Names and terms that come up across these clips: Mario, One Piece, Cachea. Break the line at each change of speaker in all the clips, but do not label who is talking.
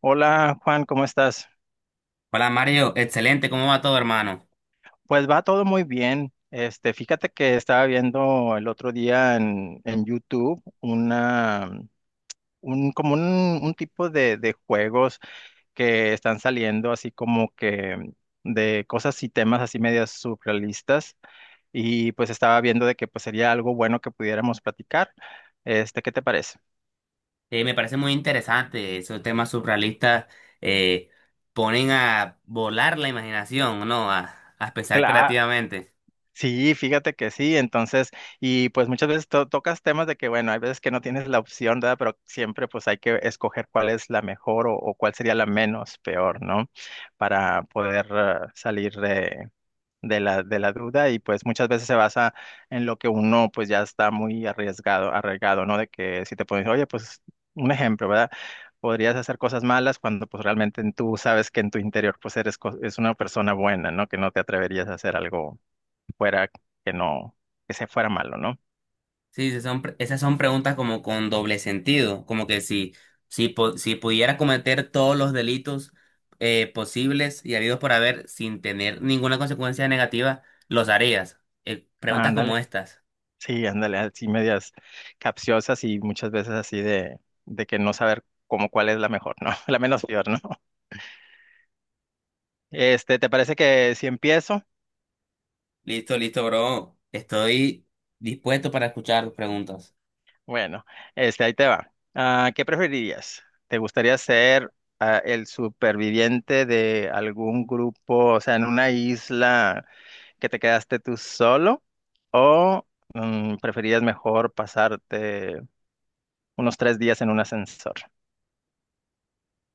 Hola Juan, ¿cómo estás?
Hola Mario, excelente, ¿cómo va todo hermano?
Pues va todo muy bien. Este, fíjate que estaba viendo el otro día en YouTube una, un, como un tipo de juegos que están saliendo así como que de cosas y temas así medias surrealistas y pues estaba viendo de que pues sería algo bueno que pudiéramos platicar. Este, ¿qué te parece?
Me parece muy interesante, esos temas surrealistas eh, ponen a volar la imaginación, ¿no? A pensar creativamente.
Sí, fíjate que sí, entonces, y pues muchas veces tocas temas de que, bueno, hay veces que no tienes la opción, ¿verdad? Pero siempre pues hay que escoger cuál es la mejor o cuál sería la menos peor, ¿no? Para poder salir de, de la duda y pues muchas veces se basa en lo que uno pues ya está muy arriesgado, ¿no? De que si te pones, oye, pues un ejemplo, ¿verdad? Podrías hacer cosas malas cuando pues realmente tú sabes que en tu interior pues eres es una persona buena, ¿no? Que no te atreverías a hacer algo fuera que no, que se fuera malo, ¿no?
Sí, sí, esas son preguntas como con doble sentido, como que si pudiera cometer todos los delitos posibles y habidos por haber sin tener ninguna consecuencia negativa, los harías.
Ah,
Preguntas como
ándale,
estas.
sí, ándale, así medias capciosas y muchas veces así de que no saber cómo cuál es la mejor, ¿no? La menos peor, ¿no? Este, ¿te parece que si empiezo?
Listo, listo, bro. Estoy dispuesto para escuchar tus preguntas.
Bueno, este, ahí te va. Ah, ¿qué preferirías? ¿Te gustaría ser el superviviente de algún grupo, o sea, en una isla que te quedaste tú solo? ¿O preferirías mejor pasarte unos tres días en un ascensor?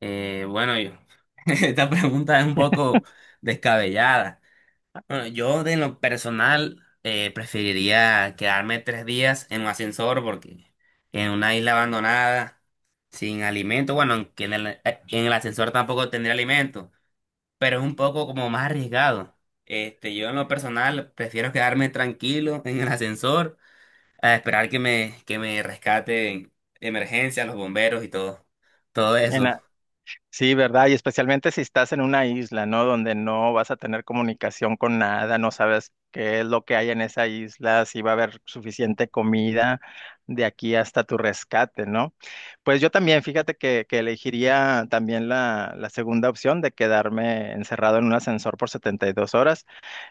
Eh, bueno, yo, esta pregunta es un poco descabellada. Bueno, yo de lo personal preferiría quedarme 3 días en un ascensor porque en una isla abandonada, sin alimento, bueno, aunque en el ascensor tampoco tendría alimento, pero es un poco como más arriesgado. Este, yo en lo personal prefiero quedarme tranquilo en el ascensor a esperar que que me rescaten emergencia, los bomberos y todo, todo
En
eso.
la- sí, ¿verdad? Y especialmente si estás en una isla, ¿no? Donde no vas a tener comunicación con nada, no sabes qué es lo que hay en esa isla, si va a haber suficiente comida de aquí hasta tu rescate, ¿no? Pues yo también, fíjate que elegiría también la segunda opción de quedarme encerrado en un ascensor por 72 horas.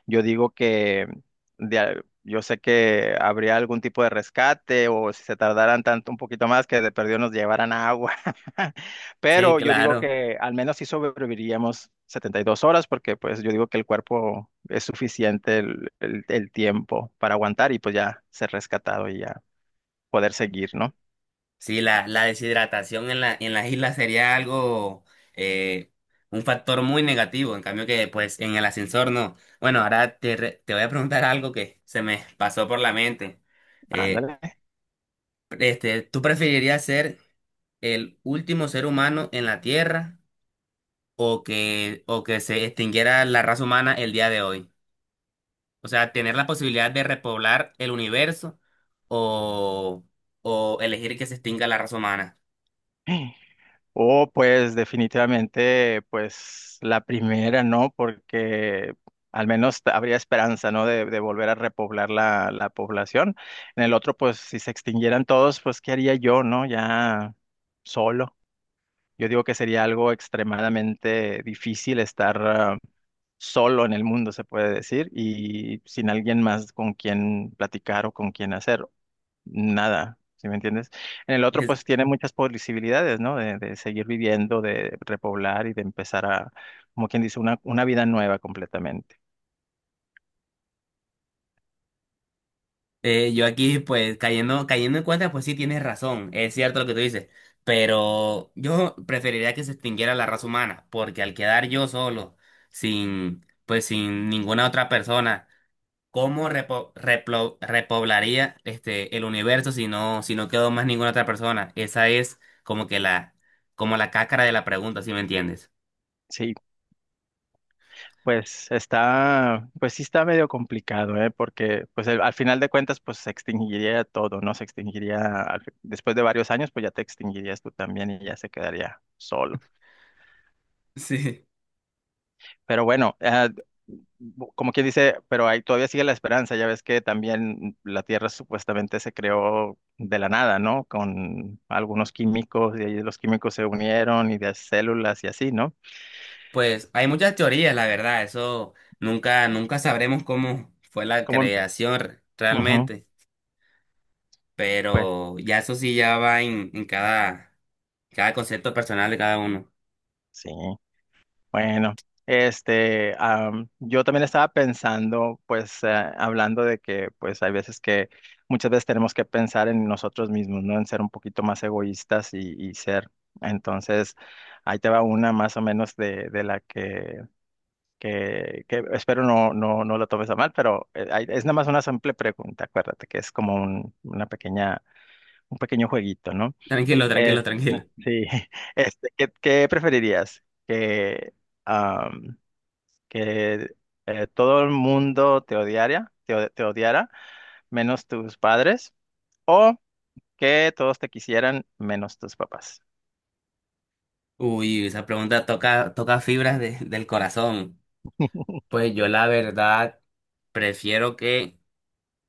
Yo digo que yo sé que habría algún tipo de rescate o si se tardaran tanto un poquito más que de perdido nos llevaran agua.
Sí,
Pero yo digo
claro.
que al menos sí sobreviviríamos 72 horas porque pues yo digo que el cuerpo es suficiente el tiempo para aguantar y pues ya ser rescatado y ya poder seguir, ¿no?
Sí, la deshidratación en en las islas sería algo, eh, un factor muy negativo, en cambio que pues en el ascensor no. Bueno, te voy a preguntar algo que se me pasó por la mente. Eh,
Ándale.
¿Tú preferirías ser el último ser humano en la Tierra o que se extinguiera la raza humana el día de hoy? O sea, tener la posibilidad de repoblar el universo o, o elegir que se extinga la raza humana.
O pues definitivamente pues la primera, ¿no? Porque al menos habría esperanza, ¿no? De volver a repoblar la población. En el otro pues si se extinguieran todos pues ¿qué haría yo, ¿no? Ya solo. Yo digo que sería algo extremadamente difícil estar solo en el mundo, se puede decir, y sin alguien más con quien platicar o con quien hacer nada, ¿sí me entiendes? En el otro,
Es-
pues tiene muchas posibilidades, ¿no? De seguir viviendo, de repoblar y de empezar a, como quien dice, una vida nueva completamente.
Yo aquí, pues, cayendo en cuenta, pues sí tienes razón, es cierto lo que tú dices, pero yo preferiría que se extinguiera la raza humana, porque al quedar yo solo, sin, pues, sin ninguna otra persona, ¿cómo repoblaría este el universo si no quedó más ninguna otra persona? Esa es como que como la cáscara de la pregunta, ¿si me entiendes?
Sí. Pues está, pues sí está medio complicado, ¿eh? Porque pues al final de cuentas pues se extinguiría todo, ¿no? Se extinguiría, después de varios años pues ya te extinguirías tú también y ya se quedaría solo.
Sí.
Pero bueno, como quien dice, pero ahí todavía sigue la esperanza, ya ves que también la Tierra supuestamente se creó de la nada, ¿no? Con algunos químicos y ahí los químicos se unieron y de células y así, ¿no?
Pues hay muchas teorías, la verdad, eso nunca sabremos cómo fue la
Como, en-
creación
Ujú,
realmente.
pues
Pero ya eso sí ya va en cada concepto personal de cada uno.
sí. Bueno, este, yo también estaba pensando, pues, hablando de que, pues, hay veces que, muchas veces tenemos que pensar en nosotros mismos, ¿no? En ser un poquito más egoístas y ser. Entonces, ahí te va una más o menos de la que, que espero no, no, no lo tomes a mal, pero ahí- es nada más una simple pregunta, acuérdate que es como un, una pequeña, un pequeño jueguito, ¿no?
Tranquilo, tranquilo,
Es-
tranquilo.
sí, este, ¿qué, qué preferirías? Que, am, que todo el mundo te odiara, te odiara, menos tus padres, o que todos te quisieran, menos tus papás.
Uy, esa pregunta toca fibras del corazón. Pues yo la verdad, prefiero que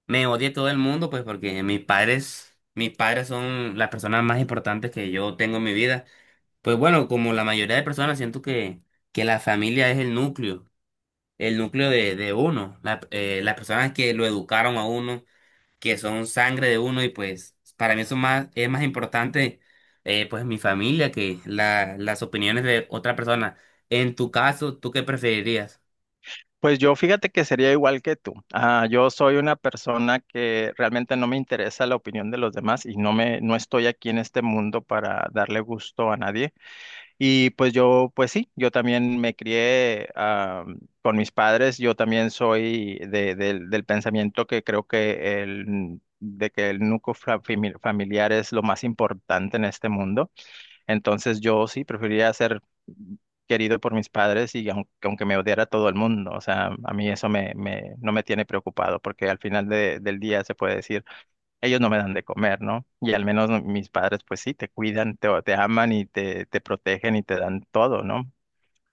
me odie todo el mundo, pues porque mis padres son las personas más importantes que yo tengo en mi vida. Pues bueno, como la mayoría de personas, siento que la familia es el núcleo de uno, las personas que lo educaron a uno, que son sangre de uno y pues para mí eso es más importante, pues mi familia que las opiniones de otra persona. En tu caso, ¿tú qué preferirías?
Pues yo fíjate que sería igual que tú. Ah, yo soy una persona que realmente no me interesa la opinión de los demás y no no estoy aquí en este mundo para darle gusto a nadie. Y pues yo, pues sí, yo también me crié con mis padres, yo también soy del del pensamiento que creo que el, de que el núcleo familiar es lo más importante en este mundo. Entonces yo sí preferiría ser querido por mis padres aunque me odiara todo el mundo, o sea, a mí eso no me tiene preocupado porque al final del día se puede decir ellos no me dan de comer, ¿no? Y al menos mis padres, pues sí, te cuidan, te aman y te protegen y te dan todo, ¿no?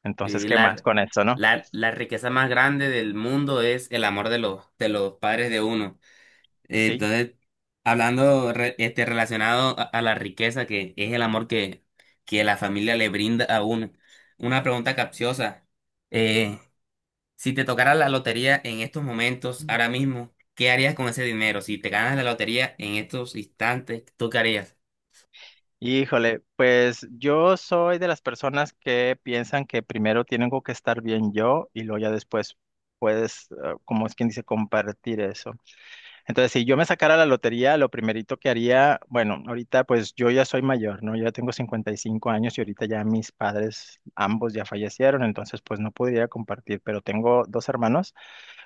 Entonces,
Eh,
¿qué más
la,
con eso, no?
la riqueza más grande del mundo es el amor de de los padres de uno. Eh,
Sí.
entonces, hablando este, relacionado a la riqueza que es el amor que la familia le brinda a uno, una pregunta capciosa. Eh, Si te tocara la lotería en estos momentos,
Mm.
ahora mismo, ¿qué harías con ese dinero? Si te ganas la lotería en estos instantes, ¿tú qué harías?
Híjole, pues yo soy de las personas que piensan que primero tengo que estar bien yo y luego ya después puedes, como es quien dice, compartir eso. Entonces, si yo me sacara la lotería, lo primerito que haría, bueno, ahorita pues yo ya soy mayor, ¿no? Yo ya tengo 55 años y ahorita ya mis padres, ambos ya fallecieron, entonces pues no podría compartir, pero tengo dos hermanos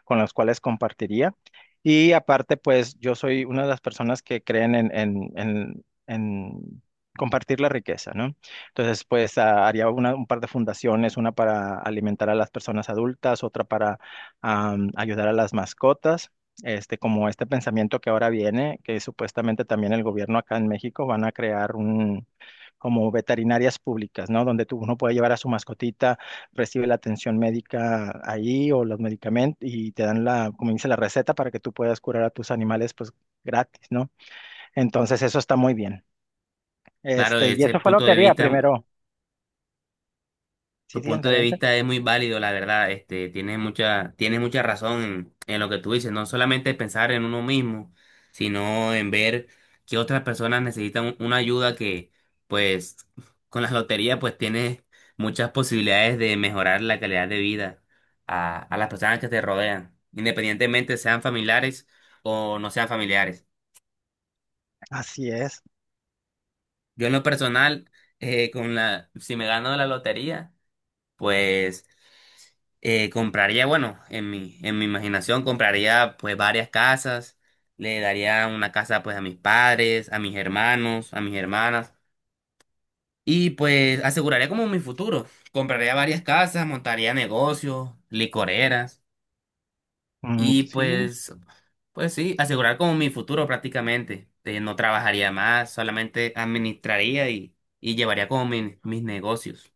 con los cuales compartiría. Y aparte, pues yo soy una de las personas que creen en compartir la riqueza, ¿no? Entonces, pues haría un par de fundaciones, una para alimentar a las personas adultas, otra para ayudar a las mascotas. Este, como este pensamiento que ahora viene, que supuestamente también el gobierno acá en México van a crear un, como veterinarias públicas, ¿no? Donde tú, uno puede llevar a su mascotita, recibe la atención médica ahí o los medicamentos y te dan la, como dice, la receta para que tú puedas curar a tus animales pues gratis, ¿no? Entonces eso está muy bien.
Claro,
Este, y
desde ese
eso fue lo
punto
que
de
haría
vista.
primero. Sí,
Tu
sí,
punto de
adelante.
vista es muy válido, la verdad. Este, tienes mucha razón en lo que tú dices. No solamente pensar en uno mismo, sino en ver que otras personas necesitan una ayuda que, pues, con la lotería, pues tienes muchas posibilidades de mejorar la calidad de vida a las personas que te rodean, independientemente sean familiares o no sean familiares.
Así es.
Yo en lo personal, si me gano la lotería, pues en mi imaginación compraría pues varias casas, le daría una casa pues a mis padres, a mis hermanos, a mis hermanas y pues aseguraría como mi futuro. Compraría varias casas, montaría negocios, licoreras
Mm,
y
sí,
pues, pues sí, asegurar como mi futuro prácticamente. No trabajaría más, solamente administraría y llevaría como mis negocios.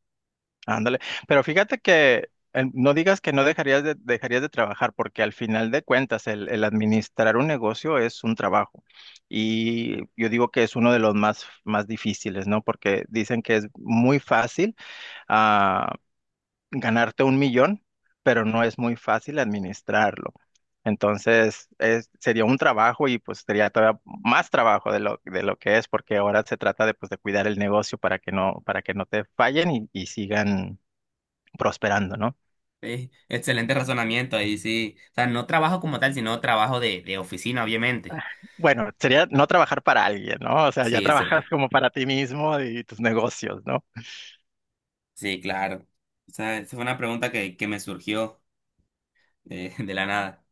ándale. Pero fíjate que no digas que no dejarías de, dejarías de trabajar, porque al final de cuentas el administrar un negocio es un trabajo. Y yo digo que es uno de los más, más difíciles, ¿no? Porque dicen que es muy fácil ah, ganarte 1 millón, pero no es muy fácil administrarlo. Entonces, es, sería un trabajo y pues sería todavía más trabajo de lo que es, porque ahora se trata de, pues, de cuidar el negocio para que no te fallen y sigan prosperando, ¿no?
Excelente razonamiento ahí, sí. O sea, no trabajo como tal, sino trabajo de oficina, obviamente.
Bueno, sería no trabajar para alguien, ¿no? O sea, ya
Sí, sí,
trabajas como para ti mismo y tus negocios, ¿no?
sí, claro. O sea, esa fue una pregunta que me surgió de la nada.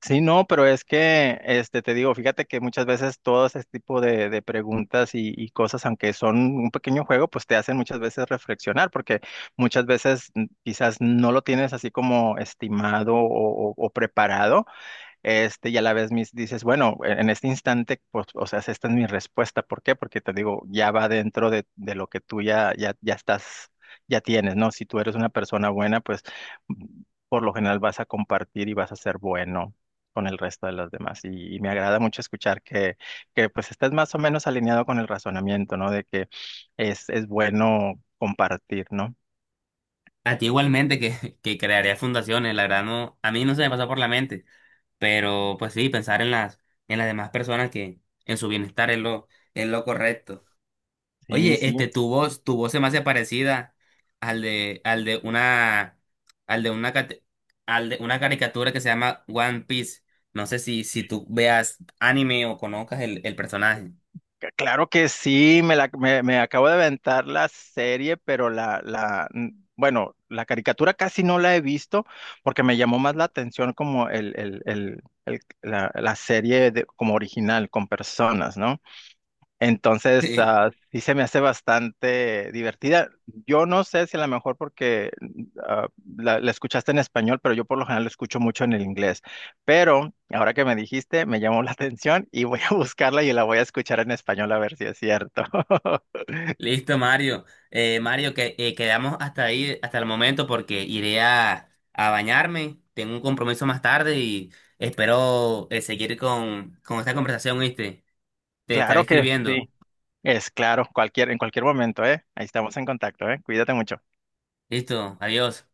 Sí, no, pero es que, este, te digo, fíjate que muchas veces todo ese tipo de preguntas y cosas, aunque son un pequeño juego, pues te hacen muchas veces reflexionar, porque muchas veces quizás no lo tienes así como estimado o o preparado, este, y a la vez mis, dices, bueno, en este instante, pues, o sea, esta es mi respuesta. ¿Por qué? Porque te digo, ya va dentro de lo que tú ya estás, ya tienes, ¿no? Si tú eres una persona buena, pues mm, por lo general vas a compartir y vas a ser bueno con el resto de las demás. Y me agrada mucho escuchar que pues estés más o menos alineado con el razonamiento, ¿no? De que es bueno compartir, ¿no?
A ti igualmente que crearía fundaciones, la verdad no, a mí no se me pasó por la mente, pero pues sí, pensar en las demás personas que en su bienestar es lo correcto.
Sí,
Oye,
sí.
este, tu voz se me hace parecida al de, al de una, al de una, cate- al de una caricatura que se llama One Piece. No sé si, si tú veas anime o conozcas el personaje.
Claro que sí, me acabo de aventar la serie, pero bueno, la caricatura casi no la he visto porque me llamó más la atención como la serie como original, con personas, ¿no? Entonces,
Sí.
ah, sí se me hace bastante divertida. Yo no sé si a lo mejor porque ah, la escuchaste en español, pero yo por lo general lo escucho mucho en el inglés. Pero ahora que me dijiste, me llamó la atención y voy a buscarla y la voy a escuchar en español a ver si es cierto.
Listo, Mario. Mario, que quedamos hasta ahí, hasta el momento, porque iré a bañarme. Tengo un compromiso más tarde y espero seguir con esta conversación, ¿viste? Te estaré
Claro que
escribiendo.
sí. Es claro, cualquier, en cualquier momento, ¿eh? Ahí estamos en contacto, ¿eh? Cuídate mucho.
Listo, adiós.